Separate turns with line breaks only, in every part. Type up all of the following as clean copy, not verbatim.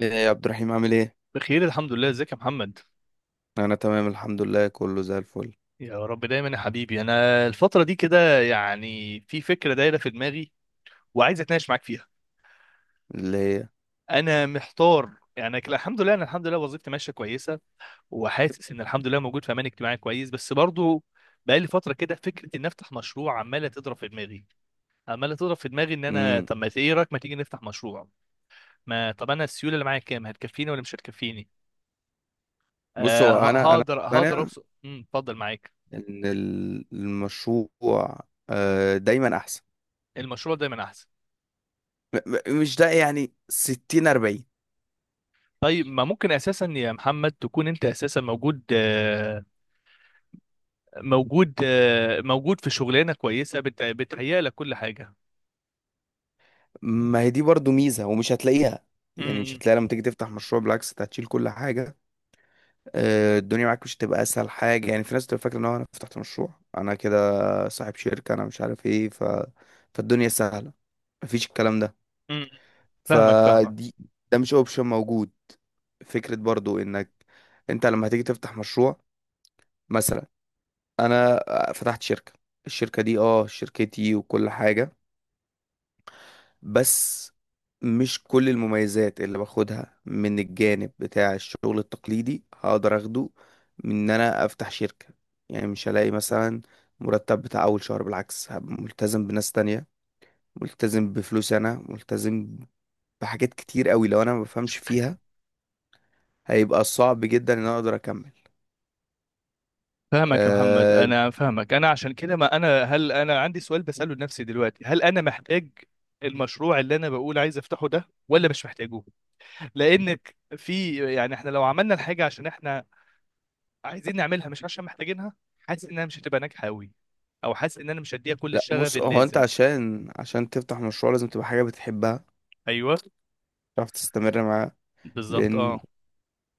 ايه يا عبد الرحيم، عامل ايه؟
بخير الحمد لله، ازيك يا محمد؟
انا تمام الحمد لله، كله زي الفل.
يا رب دايما يا حبيبي. انا الفتره دي كده يعني في فكره دايره في دماغي وعايز اتناقش معاك فيها.
اللي هي؟
انا محتار. يعني الحمد لله، انا الحمد لله وظيفتي ماشيه كويسه وحاسس ان الحمد لله موجود في امان اجتماعي كويس، بس برضو بقى لي فتره كده فكره ان افتح مشروع عماله تضرب في دماغي، عماله تضرب في دماغي ان انا
امم
طب ما ايه رايك ما تيجي نفتح مشروع. ما طب انا السيوله اللي معايا كام؟ هتكفيني ولا مش هتكفيني؟
بص،
آه،
هو انا
هقدر، هقدر
مقتنع
اوصل. اتفضل معاك.
ان المشروع دايما احسن.
المشروع دايما احسن.
م- مش ده، يعني 60 40؟
طيب ما ممكن اساسا يا محمد تكون انت اساسا موجود، موجود، موجود في شغلانه كويسه بتهيأ لك كل حاجه.
ما هي دي برضو ميزة ومش هتلاقيها، يعني مش
امم.
هتلاقيها لما تيجي تفتح مشروع، بالعكس انت هتشيل كل حاجة. الدنيا معاك مش هتبقى اسهل حاجة. يعني في ناس بتبقى فاكرة ان هو انا فتحت مشروع، انا كده صاحب شركة، انا مش عارف ايه ف... فالدنيا سهلة. مفيش الكلام ده.
أمم. فاهمك، فاهمك
فدي، ده مش اوبشن موجود. فكرة برضو انك انت لما هتيجي تفتح مشروع، مثلا انا فتحت شركة، الشركة دي اه شركتي وكل حاجة، بس مش كل المميزات اللي باخدها من الجانب بتاع الشغل التقليدي هقدر اخده من ان انا افتح شركة. يعني مش هلاقي مثلا مرتب بتاع اول شهر، بالعكس هبقى ملتزم بناس تانية، ملتزم بفلوس، انا ملتزم بحاجات كتير قوي، لو انا ما بفهمش فيها هيبقى صعب جدا ان انا اقدر اكمل.
فاهمك يا محمد،
أه.
انا فاهمك. انا عشان كده ما انا هل انا عندي سؤال بساله لنفسي دلوقتي، هل انا محتاج المشروع اللي انا بقول عايز افتحه ده ولا مش محتاجه؟ لانك في يعني احنا لو عملنا الحاجه عشان احنا عايزين نعملها مش عشان محتاجينها، حاسس انها مش هتبقى ناجحه قوي، او حاسس ان انا مش هديها كل
لا
الشغف
بص، هو انت
اللازم.
عشان تفتح مشروع لازم تبقى حاجة بتحبها،
ايوه،
تعرف تستمر معاها.
بالظبط
لان
اه.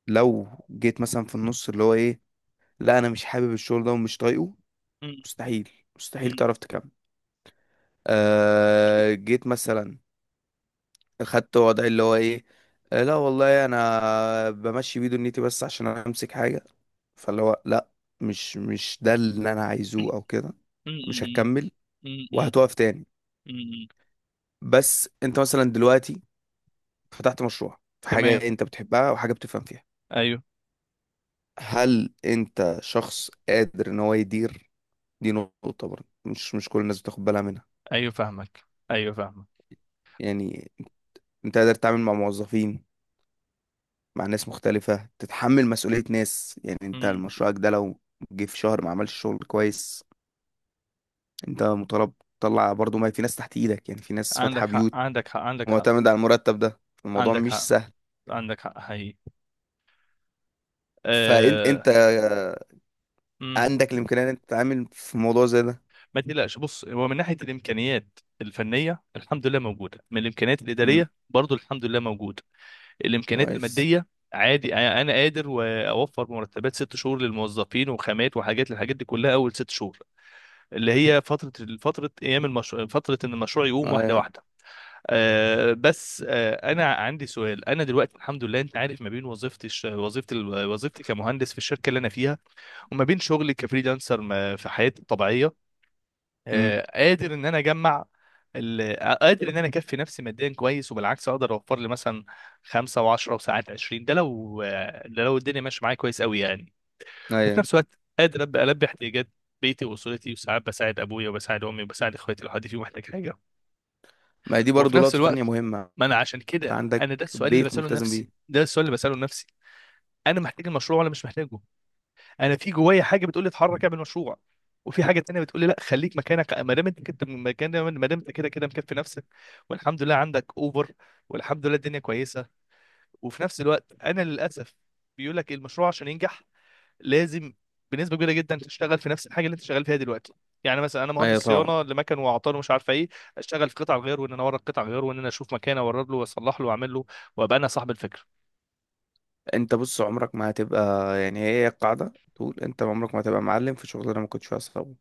لو جيت مثلا في النص، اللي هو ايه، لا انا مش حابب الشغل ده ومش طايقه،
م-
مستحيل، مستحيل
م-
تعرف تكمل. أه، جيت مثلا خدت وضع اللي هو ايه، لا والله انا بمشي بيه دنيتي بس عشان امسك حاجة، فاللي هو لا، مش ده اللي انا
م-
عايزه او كده، مش
م-
هكمل
م- م-
وهتقف تاني.
م- م.
بس انت مثلا دلوقتي فتحت مشروع في
تمام.
حاجة انت بتحبها وحاجة بتفهم فيها،
ايوه.
هل انت شخص قادر ان هو يدير؟ دي نقطة برضه مش كل الناس بتاخد بالها منها.
ايوه فاهمك. ايوه فاهمك.
يعني انت قادر تتعامل مع موظفين، مع ناس مختلفة، تتحمل مسؤولية ناس؟ يعني انت
م.
مشروعك ده لو جه في شهر ما عملش شغل كويس انت مطالب تطلع برضه، ما في ناس تحت ايدك، يعني في ناس
عندك
فاتحة
حق،
بيوت
عندك حق، عندك حق.
معتمدة على المرتب ده. الموضوع
عندك
مش
حق.
سهل.
عندك حق حقيقي.
فانت
آه...
انت
م.
عندك الامكانية ان انت تتعامل في موضوع زي ده؟
ما تقلقش، بص هو من ناحيه الامكانيات الفنيه الحمد لله موجوده، من الامكانيات
امم،
الاداريه برضو الحمد لله موجوده. الامكانيات
كويس،
الماديه عادي، انا قادر واوفر مرتبات ست شهور للموظفين وخامات وحاجات للحاجات دي كلها اول ست شهور، اللي هي فترة، فترة أيام المشروع، فترة إن المشروع يقوم واحدة
ايوه،
واحدة. آه بس آه، أنا عندي سؤال. أنا دلوقتي الحمد لله أنت عارف ما بين وظيفتي وظيفتي كمهندس في الشركة اللي أنا فيها، وما بين شغلي كفريلانسر في حياتي الطبيعية،
امم،
آه قادر إن أنا أجمع. قادر ان انا اكفي نفسي ماديا كويس، وبالعكس اقدر اوفر لي مثلا خمسة وعشرة وساعات عشرين، ده لو ده لو الدنيا ماشيه معايا كويس قوي يعني. وفي
ايوه.
نفس الوقت قادر ابدا البي احتياجات بيتي واسرتي، وساعات بساعد ابويا وبساعد امي وبساعد اخواتي لو حد فيهم محتاج حاجه.
ما هي دي
وفي
برضه
نفس
لقطة تانية
الوقت
مهمة،
ما انا عشان
انت
كده
عندك
انا ده السؤال اللي
بيت
بساله
ملتزم بيه.
لنفسي، ده السؤال اللي بساله لنفسي، انا محتاج المشروع ولا مش محتاجه؟ انا في جوايا حاجه بتقول لي اتحرك اعمل مشروع، وفي حاجه تانية بتقول لي لا، خليك مكانك ما دام انت كده مكان، ما دام انت كده كده مكفي نفسك، والحمد لله عندك اوفر، والحمد لله الدنيا كويسه. وفي نفس الوقت انا للاسف بيقول لك المشروع عشان ينجح لازم بنسبه كبيره جدا تشتغل في نفس الحاجه اللي انت شغال فيها دلوقتي. يعني مثلا انا مهندس
ايوه طبعا.
صيانه لمكن واعطال ومش عارفه ايه، اشتغل في قطع غيار وان انا اورد قطع غيار وان انا اشوف مكان اورد له واصلح له واعمل له وابقى انا صاحب الفكره.
انت بص عمرك ما هتبقى، يعني هي القاعدة تقول، انت عمرك ما هتبقى معلم في شغلانة ما كنتش فيها صحاب.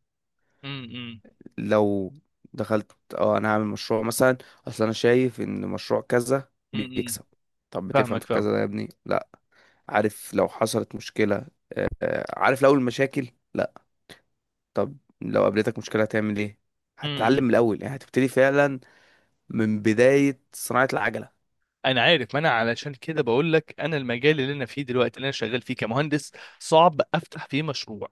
امم.
لو دخلت اه انا هعمل مشروع مثلا، اصل انا شايف ان مشروع كذا
امم.
بيكسب، طب بتفهم
فاهمك،
في
فاهم.
كذا ده يا ابني؟ لا. عارف لو حصلت مشكلة؟ عارف لو المشاكل؟ لا. طب لو قابلتك مشكلة هتعمل ايه؟
امم.
هتتعلم من الاول يعني، هتبتدي فعلا من بداية صناعة العجلة.
انا عارف، ما انا علشان كده بقول لك انا المجال اللي انا فيه دلوقتي اللي انا شغال فيه كمهندس صعب افتح فيه مشروع.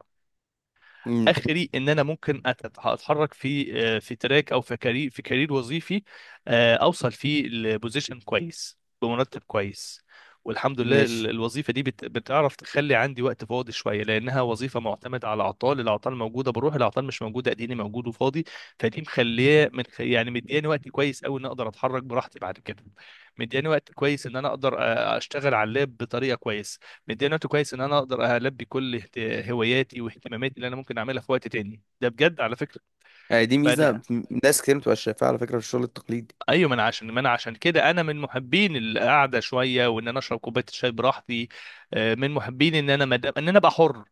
مم.
اخري ان انا ممكن اتحرك في في تراك او في كارير، في كارير وظيفي، اوصل فيه لبوزيشن كويس بمرتب كويس. والحمد لله
ماشي.
الوظيفه دي بتعرف تخلي عندي وقت فاضي شويه، لانها وظيفه معتمده على اعطال، الاعطال موجوده بروح، الاعطال مش موجوده اديني موجود وفاضي. فدي مخليه من يعني مدياني وقت كويس قوي ان اقدر اتحرك براحتي بعد كده، مدياني وقت كويس ان انا اقدر اشتغل على اللاب بطريقه كويسه، مديني وقت كويس ان انا اقدر البي كل هواياتي واهتماماتي اللي انا ممكن اعملها في وقت تاني، ده بجد على فكره.
يعني دي ميزة
فانا
ناس كتير متبقاش شايفاها على فكرة في الشغل التقليدي.
ايوه، ما انا عشان ما انا عشان كده انا من محبين القعده شويه وان انا اشرب كوبايه الشاي براحتي، من محبين ان انا مدام ان انا ابقى حر.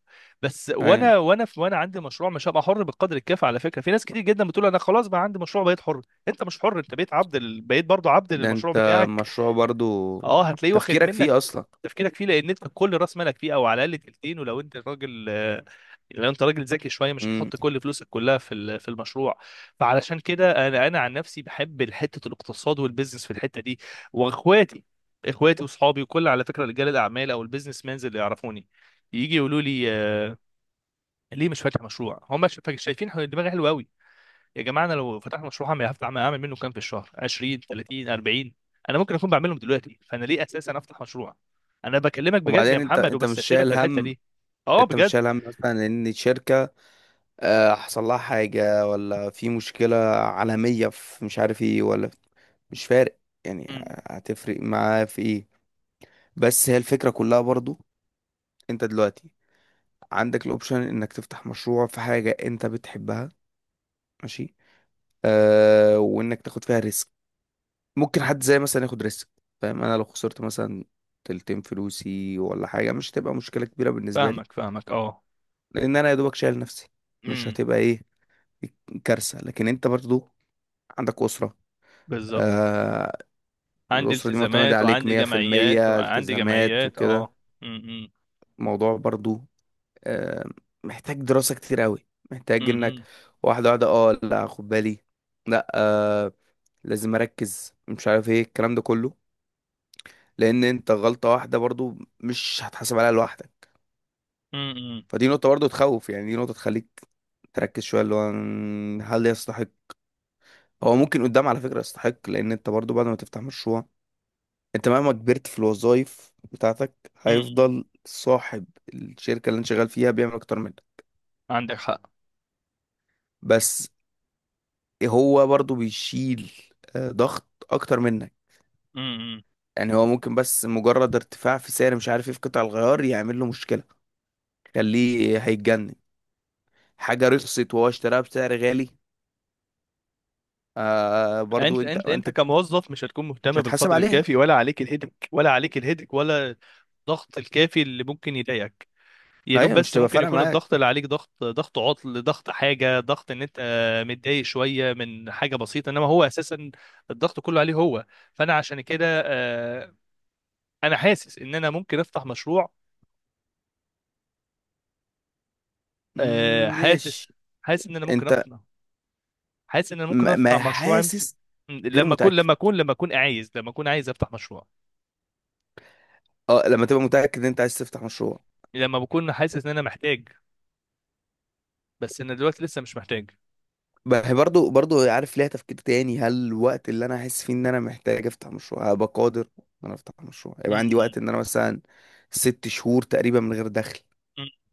بس
ايوه.
وانا عندي مشروع مش هبقى حر بالقدر الكافي. على فكره في ناس كتير جدا بتقول انا خلاص بقى عندي مشروع بقيت حر. انت مش حر، انت بقيت عبد بقيت برضه عبد
ده
للمشروع
انت
بتاعك.
مشروع برضو
اه هتلاقيه واخد
تفكيرك
منك
فيه اصلا.
تفكيرك فيه، لان انت كل راس مالك فيه او على الاقل تلتين. ولو انت راجل لو انت راجل ذكي شويه مش
مم.
هتحط كل فلوسك كلها في في المشروع. فعلشان كده انا عن نفسي بحب حته الاقتصاد والبيزنس في الحته دي. واخواتي، اخواتي واصحابي وكل على فكره رجال الاعمال او البيزنس مانز اللي يعرفوني يجي يقولوا لي ليه مش فاتح مشروع؟ هم شايفين دماغي حلوه قوي. يا جماعه انا لو فتحت مشروع هعمل هفتح اعمل منه كام في الشهر؟ 20 30 40 انا ممكن اكون بعملهم دلوقتي، فانا ليه اساسا افتح مشروع؟ انا بكلمك بجد يا
وبعدين انت
محمد
انت مش
وبستشيرك
شايل
في الحته
هم،
دي. اه
انت مش
بجد.
شايل هم مثلا ان شركة حصل لها حاجة ولا في مشكلة عالمية في مش عارف ايه ولا؟ مش فارق يعني،
أمم.
هتفرق معاه في ايه؟ بس هي الفكرة كلها برضو، انت دلوقتي عندك الاوبشن انك تفتح مشروع في حاجة انت بتحبها. ماشي. آه، وانك تاخد فيها ريسك. ممكن حد زي مثلا ياخد ريسك، فاهم، انا لو خسرت مثلا تلتين فلوسي ولا حاجه مش هتبقى مشكله كبيره بالنسبه لي،
فاهمك، فاهمك اه.
لان انا يا دوبك شايل نفسي، مش
امم.
هتبقى ايه، كارثه. لكن انت برضو عندك اسره.
بالظبط.
آه.
عندي
الاسره دي معتمده
التزامات
عليك
وعندي جمعيات
100%،
وعندي
التزامات
جمعيات
وكده.
اه. امم.
الموضوع برضو آه محتاج دراسه كتير قوي، محتاج انك
امم.
واحده واحده، اه لا خد بالي، لا آه لازم اركز مش عارف ايه الكلام ده كله، لان انت غلطة واحدة برضو مش هتحاسب عليها لوحدك.
امم.
فدي نقطة برضو تخوف، يعني دي نقطة تخليك تركز شوية، اللي هو هل يستحق؟ هو ممكن قدام على فكرة يستحق، لان انت برضو بعد ما تفتح مشروع، انت مهما كبرت في الوظائف بتاعتك
امم.
هيفضل صاحب الشركة اللي انت شغال فيها بيعمل اكتر منك،
عندك حق.
بس هو برضو بيشيل ضغط اكتر منك.
امم.
يعني هو ممكن بس مجرد ارتفاع في سعر مش عارف ايه في قطع الغيار يعمل له مشكلة يخليه هيتجنن، حاجة رخصت وهو اشتراها بسعر غالي. آه، برضو
انت
انت
انت
انت
كموظف مش هتكون
مش
مهتم
هتحاسب
بالقدر
عليها،
الكافي، ولا عليك الهدك، ولا عليك الهدك، ولا الضغط الكافي اللي ممكن يضايقك. يا
ايوه،
دوب
مش
بس
تبقى
ممكن
فارقه
يكون
معاك.
الضغط اللي عليك ضغط، ضغط عطل، ضغط حاجة، ضغط ان انت متضايق شوية من حاجة بسيطة، انما هو اساسا الضغط كله عليه هو. فانا عشان كده انا حاسس ان انا ممكن افتح مشروع.
مم،
حاسس،
ماشي.
حاسس ان انا ممكن
انت
افتح حاسس ان انا ممكن
ما
افتح
ما
مشروع
حاسس، غير متاكد.
لما اكون عايز، لما اكون عايز افتح مشروع،
اه، لما تبقى متاكد ان انت عايز تفتح مشروع.
لما بكون حاسس ان انا محتاج. بس انا دلوقتي لسه مش محتاج.
برضو عارف، ليها تفكير تاني، هل الوقت اللي انا احس فيه ان انا محتاج افتح مشروع هبقى قادر ان انا افتح مشروع؟
م-
يبقى عندي
م-
وقت ان انا مثلا 6 شهور تقريبا من غير دخل؟
م-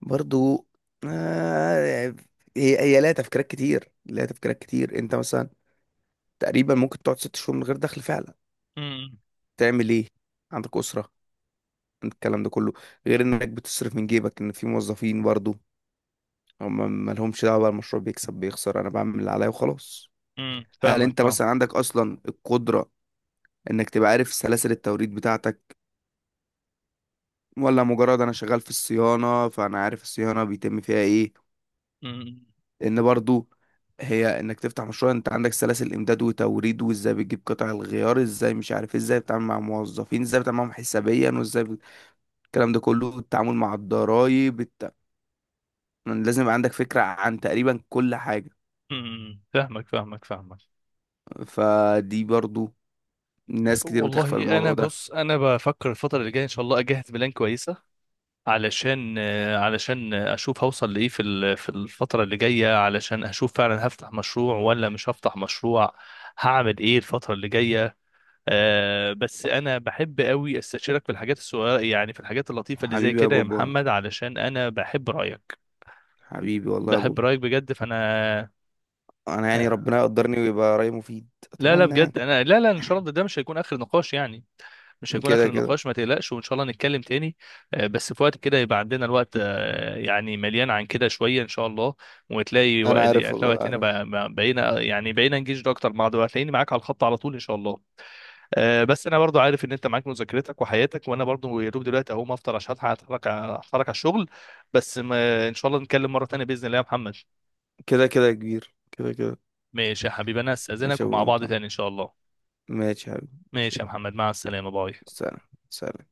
برضو آه، هي ليها تفكيرات كتير، ليها تفكيرات كتير. انت مثلا تقريبا ممكن تقعد 6 شهور من غير دخل فعلا،
م-
تعمل ايه؟ عندك اسره، عندك الكلام ده كله، غير انك بتصرف من جيبك ان في موظفين برضو هم مالهمش دعوه بقى المشروع بيكسب بيخسر، انا بعمل اللي عليا وخلاص. هل انت
فاهمك،
مثلا عندك اصلا القدره انك تبقى عارف سلاسل التوريد بتاعتك، ولا مجرد انا شغال في الصيانه فانا عارف الصيانه بيتم فيها ايه؟
فاهم.
لان برضو، هي انك تفتح مشروع انت عندك سلاسل امداد وتوريد، وازاي بتجيب قطع الغيار، ازاي مش عارف إيه، ازاي بتتعامل مع موظفين، ازاي بتتعامل معاهم حسابيا، وازاي الكلام ده كله، التعامل مع الضرايب، لازم يبقى عندك فكرة عن تقريبا كل حاجة.
امم. فاهمك، فاهمك فاهمك.
فدي برضو ناس كتير بتغفل
والله انا
الموضوع ده.
بص، انا بفكر الفتره اللي جايه ان شاء الله اجهز بلان كويسه علشان علشان اشوف هوصل لايه في في الفتره اللي جايه، علشان اشوف فعلا هفتح مشروع ولا مش هفتح مشروع، هعمل ايه الفتره اللي جايه. أه بس انا بحب قوي استشيرك في الحاجات الصغيره، يعني في الحاجات اللطيفه اللي زي
حبيبي يا
كده يا
بابا،
محمد، علشان انا بحب رايك،
حبيبي والله يا بابا.
بحب رايك بجد. فانا
انا يعني ربنا يقدرني ويبقى رأيي مفيد،
لا لا
اتمنى يعني.
بجد، انا لا لا، ان شاء الله ده مش هيكون اخر نقاش يعني، مش هيكون
كده
اخر
كده.
نقاش، ما تقلقش، وان شاء الله نتكلم تاني. بس في وقت كده يبقى عندنا الوقت، يعني مليان عن كده شويه ان شاء الله، وتلاقي
انا
وقت،
عارف
يعني تلاقي
والله
وقتنا
عارف.
بقينا يعني بقينا نجيش اكتر مع بعض، وهتلاقيني معاك على الخط على طول ان شاء الله. بس انا برضو عارف ان انت معاك مذاكرتك وحياتك، وانا برضو يا دوب دلوقتي اهو ما افطر عشان هتحرك، هتحرك على الشغل. بس ما ان شاء الله نتكلم مره تانيه باذن الله يا محمد.
كده كده يا كبير، كده كده.
ماشي يا حبيبي، انا
ماشي
استاذنك
يا
ومع بعض
بابا،
تاني ان شاء الله.
ماشي يا حبيبي. ماشي.
ماشي يا محمد، مع السلامة، باي.
سلام. سلام.